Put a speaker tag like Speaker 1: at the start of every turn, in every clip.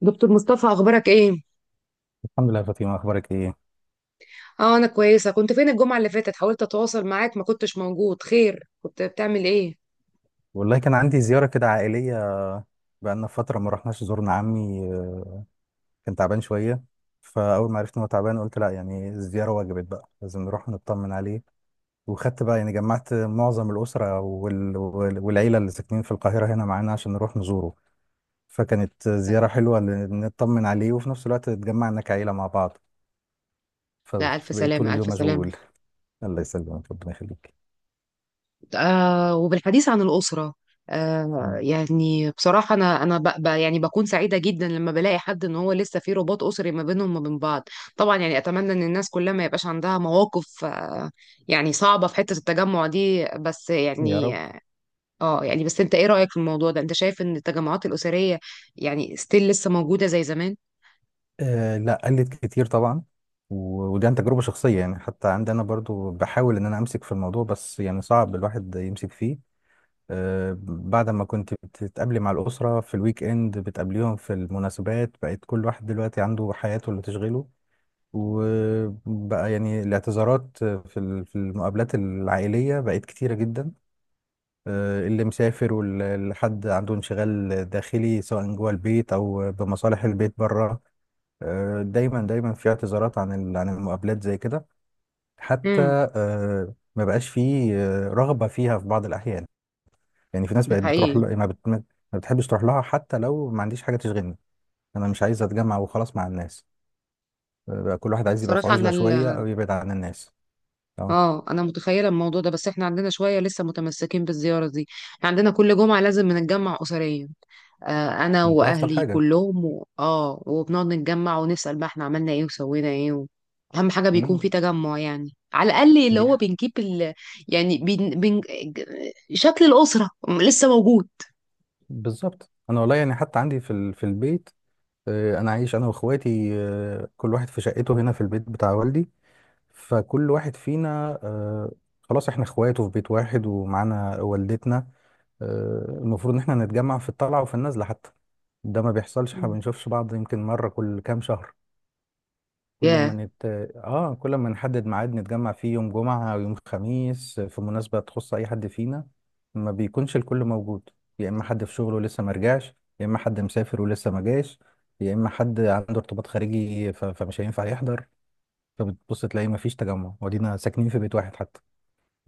Speaker 1: دكتور مصطفى، اخبارك ايه؟
Speaker 2: الحمد لله يا فاطمة، أخبارك إيه؟
Speaker 1: اه، انا كويسه. كنت فين الجمعه اللي فاتت؟ حاولت اتواصل معاك ما كنتش موجود. خير، كنت بتعمل ايه؟
Speaker 2: والله كان عندي زيارة كده عائلية. بقالنا فترة ما رحناش زورنا عمي. كان تعبان شوية. فأول ما عرفت إن هو تعبان قلت لأ، يعني الزيارة وجبت بقى لازم نروح نطمن عليه. وخدت بقى يعني جمعت معظم الأسرة والعيلة اللي ساكنين في القاهرة هنا معانا عشان نروح نزوره. فكانت زيارة حلوة نطمن عليه وفي نفس الوقت اتجمعنا كعيلة مع بعض.
Speaker 1: لا الف
Speaker 2: فبقيت طول
Speaker 1: سلامه، الف
Speaker 2: اليوم
Speaker 1: سلامه.
Speaker 2: مشغول. الله يسلمك، ربنا يخليك.
Speaker 1: آه، وبالحديث عن الاسره، آه
Speaker 2: مم.
Speaker 1: يعني بصراحه انا ب ب يعني بكون سعيده جدا لما بلاقي حد ان هو لسه في رباط اسري ما بينهم وما بين بعض. طبعا يعني اتمنى ان الناس كلها ما يبقاش عندها مواقف، صعبه في حته التجمع دي، بس
Speaker 2: يا
Speaker 1: يعني،
Speaker 2: رب.
Speaker 1: بس انت ايه رأيك في الموضوع ده؟ انت شايف ان التجمعات الأسرية يعني ستيل لسه موجودة زي زمان؟
Speaker 2: آه، لا، قلت كتير طبعا. ودي عن تجربة شخصية، يعني حتى عندي أنا برضو بحاول إن أنا أمسك في الموضوع، بس يعني صعب الواحد يمسك فيه. آه، بعد ما كنت بتتقابلي مع الأسرة في الويك إند بتقابليهم في المناسبات، بقت كل واحد دلوقتي عنده حياته اللي تشغله. وبقى يعني الاعتذارات في المقابلات العائلية بقت كتيرة جدا. اللي مسافر واللي حد عنده انشغال داخلي سواء جوه البيت أو بمصالح البيت بره. دايما دايما في اعتذارات عن المقابلات زي كده حتى.
Speaker 1: امم.
Speaker 2: ما بقاش في رغبة فيها في بعض الأحيان. يعني في ناس
Speaker 1: ده
Speaker 2: بقت بتروح
Speaker 1: حقيقي.
Speaker 2: ل... ما, بت... ما بتحبش تروح لها حتى لو ما عنديش حاجة تشغلني. أنا مش عايز أتجمع وخلاص مع الناس. بقى كل واحد عايز يبقى في
Speaker 1: صراحة
Speaker 2: عزلة شوية أو يبعد عن الناس. تمام،
Speaker 1: اه، انا متخيلة الموضوع ده، بس احنا عندنا شوية لسه متمسكين بالزيارة دي. احنا عندنا كل جمعة لازم بنتجمع أسريا. آه، انا
Speaker 2: دي أفضل
Speaker 1: واهلي
Speaker 2: حاجة.
Speaker 1: كلهم اه، وبنقعد نتجمع ونسأل بقى احنا عملنا ايه وسوينا ايه و... اهم حاجة بيكون
Speaker 2: مم.
Speaker 1: في تجمع، يعني على الأقل اللي
Speaker 2: دي
Speaker 1: هو
Speaker 2: ح-
Speaker 1: بنجيب ال... يعني بن... بن... شكل الأسرة لسه موجود.
Speaker 2: بالظبط، أنا والله يعني حتى عندي في البيت. أنا عايش أنا وإخواتي، كل واحد في شقته هنا في البيت بتاع والدي. فكل واحد فينا، خلاص احنا اخواته في بيت واحد ومعانا والدتنا. المفروض ان احنا نتجمع في الطلعة وفي النزلة حتى. ده ما بيحصلش، احنا ما بنشوفش بعض يمكن مرة كل كام شهر. كل ما
Speaker 1: ياه.
Speaker 2: نت... اه كل ما نحدد ميعاد نتجمع فيه يوم جمعة او يوم خميس في مناسبة تخص اي حد فينا ما بيكونش الكل موجود. يا اما حد في شغله ولسه ما رجعش، يا اما حد مسافر ولسه ما جاش، يا اما حد عنده ارتباط خارجي فمش هينفع يحضر. فبتبص تلاقي مفيش تجمع ودينا ساكنين في بيت واحد حتى.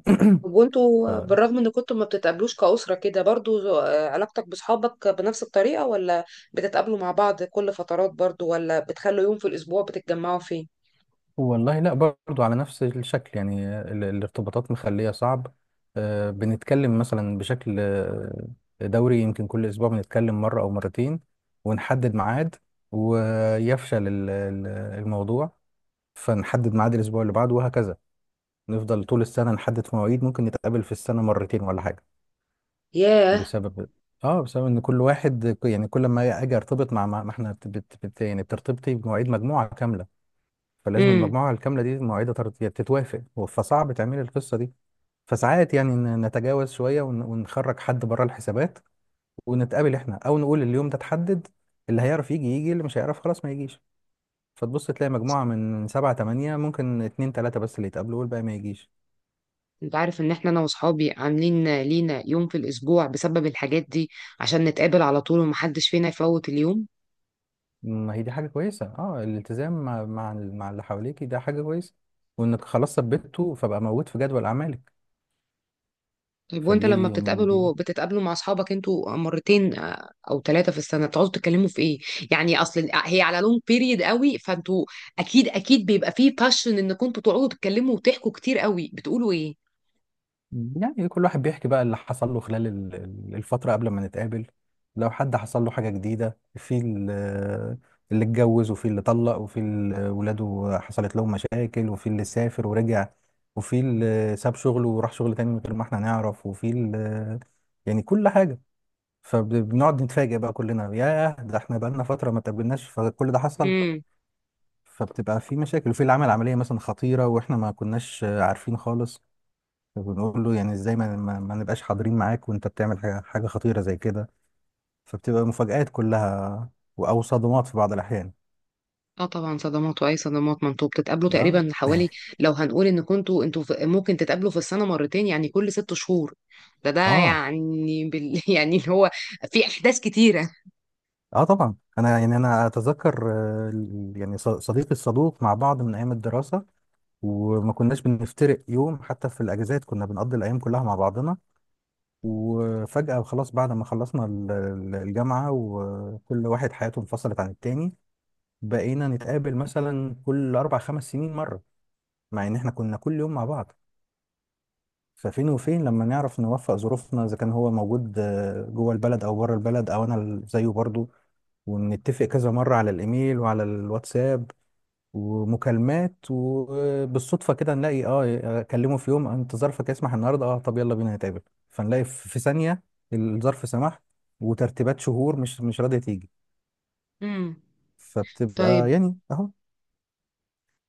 Speaker 1: طب
Speaker 2: ف
Speaker 1: وانتوا بالرغم ان كنتوا ما بتتقابلوش كأسرة كده برضو، آه، علاقتك بصحابك بنفس الطريقة، ولا بتتقابلوا مع بعض كل فترات برضو، ولا بتخلوا يوم في الأسبوع بتتجمعوا فيه؟
Speaker 2: والله لا، برضو على نفس الشكل. يعني الارتباطات مخلية صعب. بنتكلم مثلا بشكل، دوري، يمكن كل أسبوع بنتكلم مرة أو مرتين، ونحدد ميعاد، ويفشل الموضوع. فنحدد ميعاد الأسبوع اللي بعده وهكذا. نفضل طول السنة نحدد في مواعيد، ممكن نتقابل في السنة مرتين ولا حاجة.
Speaker 1: ياه.
Speaker 2: بسبب اه بسبب ان كل واحد، يعني كل ما اجي ارتبط ما احنا يعني بترتبطي بمواعيد مجموعه كامله. فلازم
Speaker 1: امم.
Speaker 2: المجموعه الكامله دي مواعيدها تتوافق، فصعب تعملي القصه دي. فساعات يعني نتجاوز شويه ونخرج حد بره الحسابات، ونتقابل احنا او نقول اليوم ده اتحدد، اللي هيعرف يجي يجي، اللي مش هيعرف خلاص ما يجيش. فتبص تلاقي مجموعه من سبعة تمانية ممكن اتنين تلاته بس اللي يتقابلوا والباقي ما يجيش.
Speaker 1: انت عارف ان احنا انا واصحابي عاملين لينا يوم في الاسبوع بسبب الحاجات دي، عشان نتقابل على طول ومحدش فينا يفوت اليوم.
Speaker 2: ما هي دي حاجة كويسة، اه، الالتزام مع مع اللي حواليك ده حاجة كويسة، وانك خلاص ثبته فبقى موجود في جدول اعمالك.
Speaker 1: طيب، وانت لما
Speaker 2: فدي يعني دي
Speaker 1: بتتقابلوا، بتتقابلوا مع اصحابك انتوا مرتين، آه، او ثلاثه في السنه، بتقعدوا تتكلموا في ايه؟ يعني اصل هي على لونج بيريد قوي، فانتوا اكيد اكيد بيبقى فيه باشن انكم انتوا تقعدوا تتكلموا وتحكوا كتير قوي. بتقولوا ايه؟
Speaker 2: يعني كل واحد بيحكي بقى اللي حصل له خلال الفترة قبل ما نتقابل. لو حد حصل له حاجة جديدة اللي اتجوز، وفي اللي طلق، وفي اللي ولاده حصلت لهم مشاكل، وفي اللي سافر ورجع، وفي اللي ساب شغله وراح شغل تاني من غير ما احنا نعرف، وفي اللي يعني كل حاجة. فبنقعد نتفاجئ بقى كلنا، ياه، ده احنا بقالنا فترة ما اتقابلناش فكل ده حصل.
Speaker 1: امم.
Speaker 2: فبتبقى في مشاكل، وفي اللي عمل عملية مثلا خطيرة واحنا ما كناش عارفين خالص. فبنقول له يعني ازاي ما نبقاش حاضرين معاك وانت بتعمل حاجة خطيرة زي كده. فبتبقى مفاجآت كلها، او صدمات في بعض الأحيان.
Speaker 1: اه طبعا صدمات، واي صدمات! ما انتوا بتتقابلوا
Speaker 2: اه،
Speaker 1: تقريبا حوالي، لو هنقول ان كنتوا انتوا ممكن تتقابلوا في السنه مرتين، يعني كل ست شهور. ده ده
Speaker 2: اه،
Speaker 1: يعني يعني اللي هو في احداث كتيره.
Speaker 2: اه، طبعا. انا يعني انا اتذكر، صديقي الصدوق مع بعض من ايام الدراسة، وما كناش بنفترق يوم حتى في الاجازات، كنا بنقضي الايام كلها مع بعضنا. وفجأة خلاص بعد ما خلصنا الجامعة وكل واحد حياته انفصلت عن التاني، بقينا نتقابل مثلا كل أربع خمس سنين مرة، مع إن إحنا كنا كل يوم مع بعض. ففين وفين لما نعرف نوفق ظروفنا إذا كان هو موجود، جوه البلد أو بره البلد، أو أنا زيه برضه. ونتفق كذا مرة على الإيميل وعلى الواتساب ومكالمات، وبالصدفه كده نلاقي، اكلمه في يوم، انت ظرفك يسمح النهارده، طب يلا بينا نتقابل. فنلاقي في ثانيه الظرف سمح، وترتيبات شهور مش راضيه تيجي.
Speaker 1: امم.
Speaker 2: فبتبقى
Speaker 1: طيب.
Speaker 2: يعني اهو.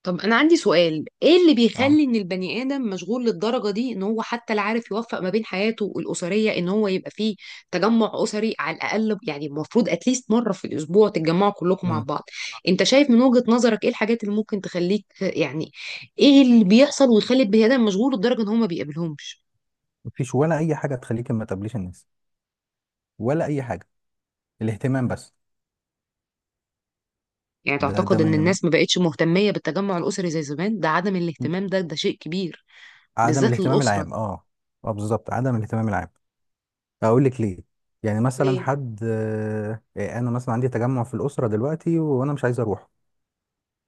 Speaker 1: طب انا عندي سؤال: ايه اللي
Speaker 2: اه
Speaker 1: بيخلي ان البني ادم مشغول للدرجه دي ان هو حتى لا عارف يوفق ما بين حياته الاسريه، ان هو يبقى فيه تجمع اسري؟ على الاقل يعني المفروض اتليست مره في الاسبوع تتجمعوا كلكم مع
Speaker 2: امم
Speaker 1: بعض. انت شايف من وجهه نظرك ايه الحاجات اللي ممكن تخليك، يعني ايه اللي بيحصل ويخلي البني ادم مشغول لدرجه ان هو ما بيقابلهمش؟
Speaker 2: مفيش ولا اي حاجه تخليك ما تقابليش الناس، ولا اي حاجه. الاهتمام بس.
Speaker 1: يعني
Speaker 2: ده
Speaker 1: تعتقد ان
Speaker 2: من
Speaker 1: الناس ما بقتش مهتميه بالتجمع الاسري زي زمان؟ ده عدم الاهتمام ده شيء كبير،
Speaker 2: عدم
Speaker 1: بالذات
Speaker 2: الاهتمام
Speaker 1: للاسره.
Speaker 2: العام، اه. اه، بالظبط، عدم الاهتمام العام. اقول لك ليه. يعني مثلا
Speaker 1: ليه؟
Speaker 2: حد، انا مثلا عندي تجمع في الاسره دلوقتي وانا مش عايز اروح،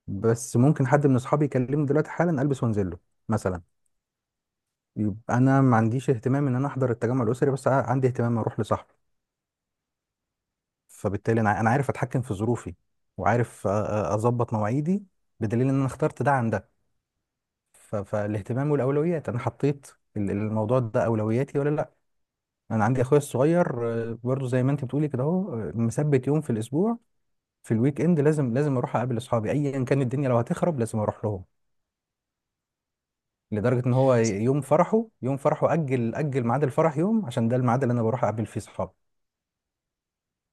Speaker 2: بس ممكن حد من اصحابي يكلمني دلوقتي حالا البس وانزل له مثلا. يبقى انا ما عنديش اهتمام ان انا احضر التجمع الاسري، بس عندي اهتمام اروح لصاحبي. فبالتالي انا عارف اتحكم في ظروفي، وعارف اظبط مواعيدي، بدليل ان انا اخترت ده عن ده. فالاهتمام والاولويات، انا حطيت الموضوع ده اولوياتي ولا لا. انا عندي اخويا الصغير، برضه زي ما انت بتقولي كده اهو، مثبت يوم في الاسبوع في الويك اند لازم لازم اروح اقابل اصحابي ايا كان الدنيا، لو هتخرب لازم اروح لهم. لدرجة ان هو يوم فرحه، يوم فرحه اجل اجل ميعاد الفرح يوم، عشان ده الميعاد اللي انا بروح اقابل فيه صحابي.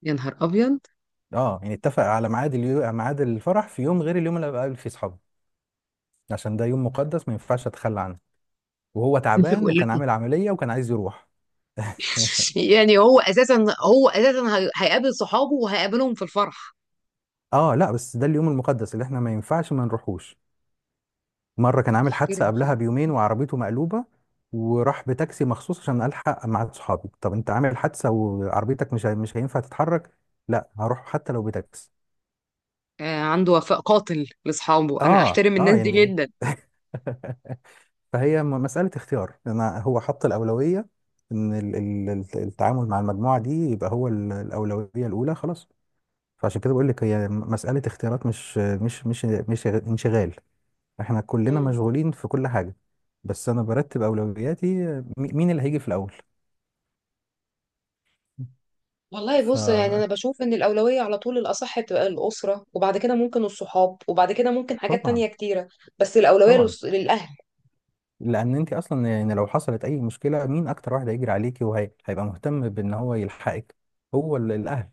Speaker 1: يا نهار ابيض!
Speaker 2: اه يعني اتفق على ميعاد الفرح في يوم غير اليوم اللي بقابل فيه صحابي، عشان ده يوم مقدس ما ينفعش اتخلى عنه. وهو تعبان وكان عامل عملية وكان عايز يروح.
Speaker 1: يعني هو اساسا، هو اساسا هيقابل صحابه، وهيقابلهم في الفرح؟
Speaker 2: اه، لا، بس ده اليوم المقدس اللي احنا ما ينفعش ما نروحوش. مرة كان عامل حادثة
Speaker 1: احترم فيه.
Speaker 2: قبلها بيومين وعربيته مقلوبة، وراح بتاكسي مخصوص عشان الحق مع صحابي. طب انت عامل حادثة وعربيتك مش هينفع تتحرك. لا، هروح حتى لو بتاكسي.
Speaker 1: آه، عنده وفاء قاتل لاصحابه، انا
Speaker 2: اه،
Speaker 1: احترم
Speaker 2: اه،
Speaker 1: الناس دي
Speaker 2: يعني
Speaker 1: جدا.
Speaker 2: فهي مسألة اختيار. انا هو حط الأولوية ان التعامل مع المجموعة دي يبقى هو الأولوية الأولى خلاص. فعشان كده بقول لك هي مسألة اختيارات، مش انشغال. احنا كلنا
Speaker 1: مم.
Speaker 2: مشغولين في كل حاجة، بس انا برتب أولوياتي، مين اللي هيجي في الأول.
Speaker 1: والله بص، يعني انا بشوف ان الاولويه على طول الاصح بتبقى الاسره، وبعد كده ممكن الصحاب، وبعد كده ممكن حاجات
Speaker 2: طبعا
Speaker 1: تانية كتيره. بس الاولويه
Speaker 2: طبعا.
Speaker 1: للاهل.
Speaker 2: لان انت اصلا يعني لو حصلت اي مشكله، مين اكتر واحد هيجري عليكي وهيبقى مهتم بان هو يلحقك؟ هو الاهل.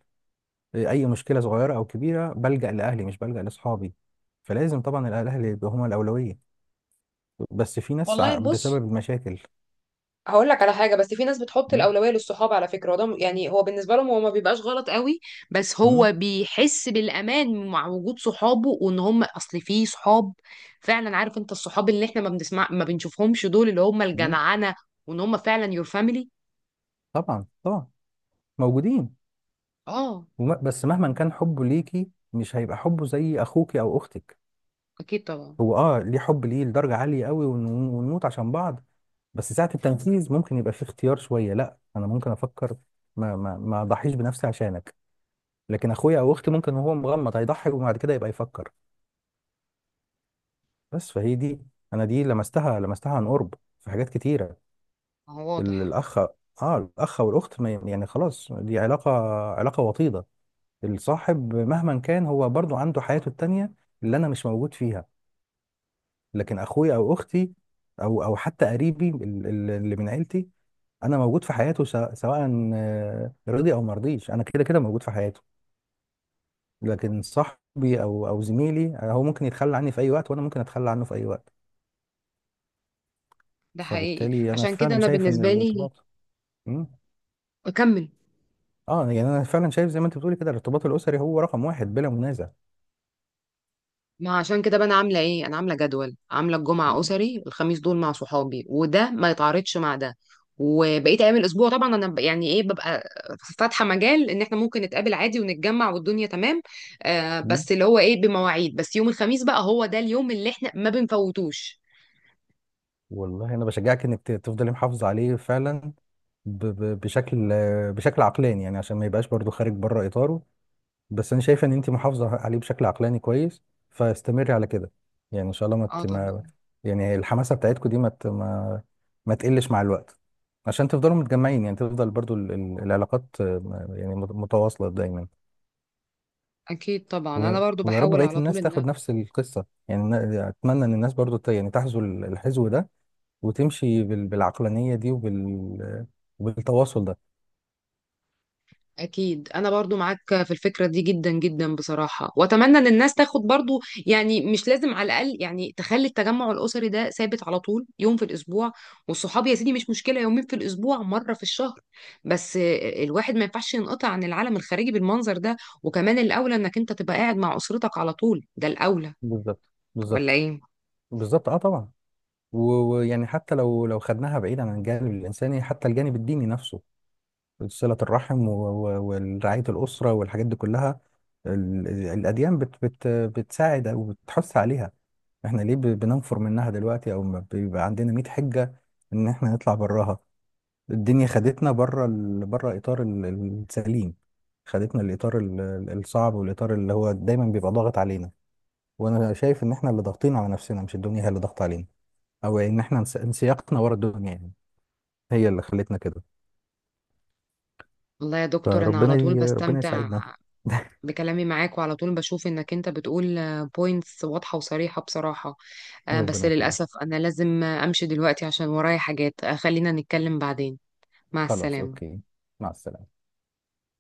Speaker 2: اي مشكله صغيره او كبيره بلجأ لاهلي مش بلجأ لاصحابي. فلازم طبعا الاهل يبقى هما الاولويه. بس في ناس
Speaker 1: والله
Speaker 2: بسبب
Speaker 1: بص،
Speaker 2: المشاكل.
Speaker 1: هقول لك على حاجه، بس في ناس بتحط
Speaker 2: م؟
Speaker 1: الاولويه للصحاب على فكره، وده يعني هو بالنسبه لهم هو ما بيبقاش غلط قوي. بس
Speaker 2: م؟
Speaker 1: هو بيحس بالامان مع وجود صحابه، وان هم اصل في صحاب فعلا. عارف انت الصحاب اللي احنا ما بنسمع ما بنشوفهمش دول اللي هم
Speaker 2: م؟
Speaker 1: الجدعنه، وان هم فعلا يور فاميلي.
Speaker 2: طبعا طبعا، موجودين.
Speaker 1: اه،
Speaker 2: بس مهما كان حبه ليكي مش هيبقى حبه زي اخوك او اختك.
Speaker 1: اكيد طبعا.
Speaker 2: هو، اه، ليه حب، ليه لدرجه عاليه قوي، ونموت عشان بعض. بس ساعه التنفيذ ممكن يبقى فيه اختيار شويه، لا انا ممكن افكر، ما اضحيش بنفسي عشانك. لكن اخويا او اختي ممكن وهو مغمض هيضحي وبعد كده يبقى يفكر. بس فهي دي، انا دي لمستها لمستها عن قرب في حاجات كتيره.
Speaker 1: هو واضح.
Speaker 2: الاخ. اه، الاخ والاخت، ما- يعني خلاص دي علاقه، علاقه وطيده. الصاحب مهما كان هو برضو عنده حياته التانية اللي انا مش موجود فيها. لكن اخويا او اختي او او حتى قريبي اللي من عيلتي، انا موجود في حياته سواء سواء، رضي او مرضيش، انا كده كده موجود في حياته. لكن صاحبي او زميلي، هو ممكن يتخلى عني في اي وقت وانا ممكن اتخلى عنه في اي وقت.
Speaker 1: ده حقيقي،
Speaker 2: فبالتالي انا
Speaker 1: عشان كده
Speaker 2: فعلا
Speaker 1: انا
Speaker 2: شايف ان
Speaker 1: بالنسبه لي.
Speaker 2: الارتباط. مم.
Speaker 1: اكمل.
Speaker 2: اه، يعني انا فعلا شايف زي ما انت بتقولي كده، الارتباط الاسري هو رقم واحد بلا منازع.
Speaker 1: ما عشان كده بقى انا عامله ايه؟ انا عامله جدول، عامله الجمعه
Speaker 2: مم.
Speaker 1: اسري، الخميس دول مع صحابي، وده ما يتعارضش مع ده. وبقيت ايام الاسبوع طبعا انا يعني ايه، ببقى فاتحه مجال ان احنا ممكن نتقابل عادي ونتجمع والدنيا تمام. آه،
Speaker 2: مم.
Speaker 1: بس اللي هو ايه، بمواعيد، بس يوم الخميس بقى هو ده اليوم اللي احنا ما بنفوتوش.
Speaker 2: والله انا بشجعك انك تفضلي محافظه عليه فعلا، ب ب بشكل، بشكل عقلاني، يعني عشان ما يبقاش برضو خارج بره اطاره. بس انا شايف ان انت محافظه عليه بشكل عقلاني كويس، فاستمري على كده. يعني ان شاء الله ما
Speaker 1: اه
Speaker 2: ت- ما
Speaker 1: طبعا.
Speaker 2: يعني الحماسه بتاعتكم دي ما ت- ما ما تقلش مع الوقت، عشان تفضلوا متجمعين، يعني تفضل برضو العلاقات، يعني متواصله دايما.
Speaker 1: اكيد طبعا
Speaker 2: و...
Speaker 1: انا برضو
Speaker 2: ويا رب
Speaker 1: بحاول
Speaker 2: بقية
Speaker 1: على طول
Speaker 2: الناس
Speaker 1: ان.
Speaker 2: تاخد نفس القصة. يعني أنا أتمنى إن الناس برضو يعني تحذو الحذو ده، وتمشي بالعقلانية دي وبالتواصل ده.
Speaker 1: أكيد أنا برضو معاك في الفكرة دي جدا جدا بصراحة، وأتمنى إن الناس تاخد برضو، يعني مش لازم، على الأقل يعني تخلي التجمع الأسري ده ثابت على طول يوم في الأسبوع. والصحاب يا سيدي مش مشكلة، يومين في الأسبوع، مرة في الشهر. بس الواحد ما ينفعش ينقطع عن العالم الخارجي بالمنظر ده. وكمان الأولى إنك أنت تبقى قاعد مع أسرتك على طول، ده الأولى،
Speaker 2: بالظبط،
Speaker 1: ولا
Speaker 2: بالظبط،
Speaker 1: إيه؟
Speaker 2: بالظبط، اه طبعا. و- ويعني حتى لو خدناها بعيد عن الجانب الإنساني، حتى الجانب الديني نفسه، صلة الرحم ورعاية الأسرة والحاجات دي كلها. الأديان بتساعد وبتحث عليها. احنا ليه بننفر منها دلوقتي، او ما بيبقى عندنا 100 حجة ان احنا نطلع براها. الدنيا خدتنا بره بره اطار السليم، خدتنا الاطار الصعب والاطار اللي هو دايما بيبقى ضاغط علينا. وانا شايف ان احنا اللي ضاغطين على نفسنا مش الدنيا هي اللي ضاغطه علينا، او ان احنا انسياقنا ورا الدنيا يعني هي اللي خلتنا كده.
Speaker 1: والله يا دكتور، أنا
Speaker 2: فربنا
Speaker 1: على طول
Speaker 2: ربنا
Speaker 1: بستمتع
Speaker 2: يساعدنا.
Speaker 1: بكلامي معاك، وعلى طول بشوف انك انت بتقول بوينتس واضحة وصريحة بصراحة. آه، بس
Speaker 2: ربنا يخليك.
Speaker 1: للأسف انا لازم، آه، امشي دلوقتي عشان ورايا حاجات، آه، خلينا نتكلم بعدين. مع
Speaker 2: خلاص،
Speaker 1: السلامة.
Speaker 2: اوكي. مع السلامه.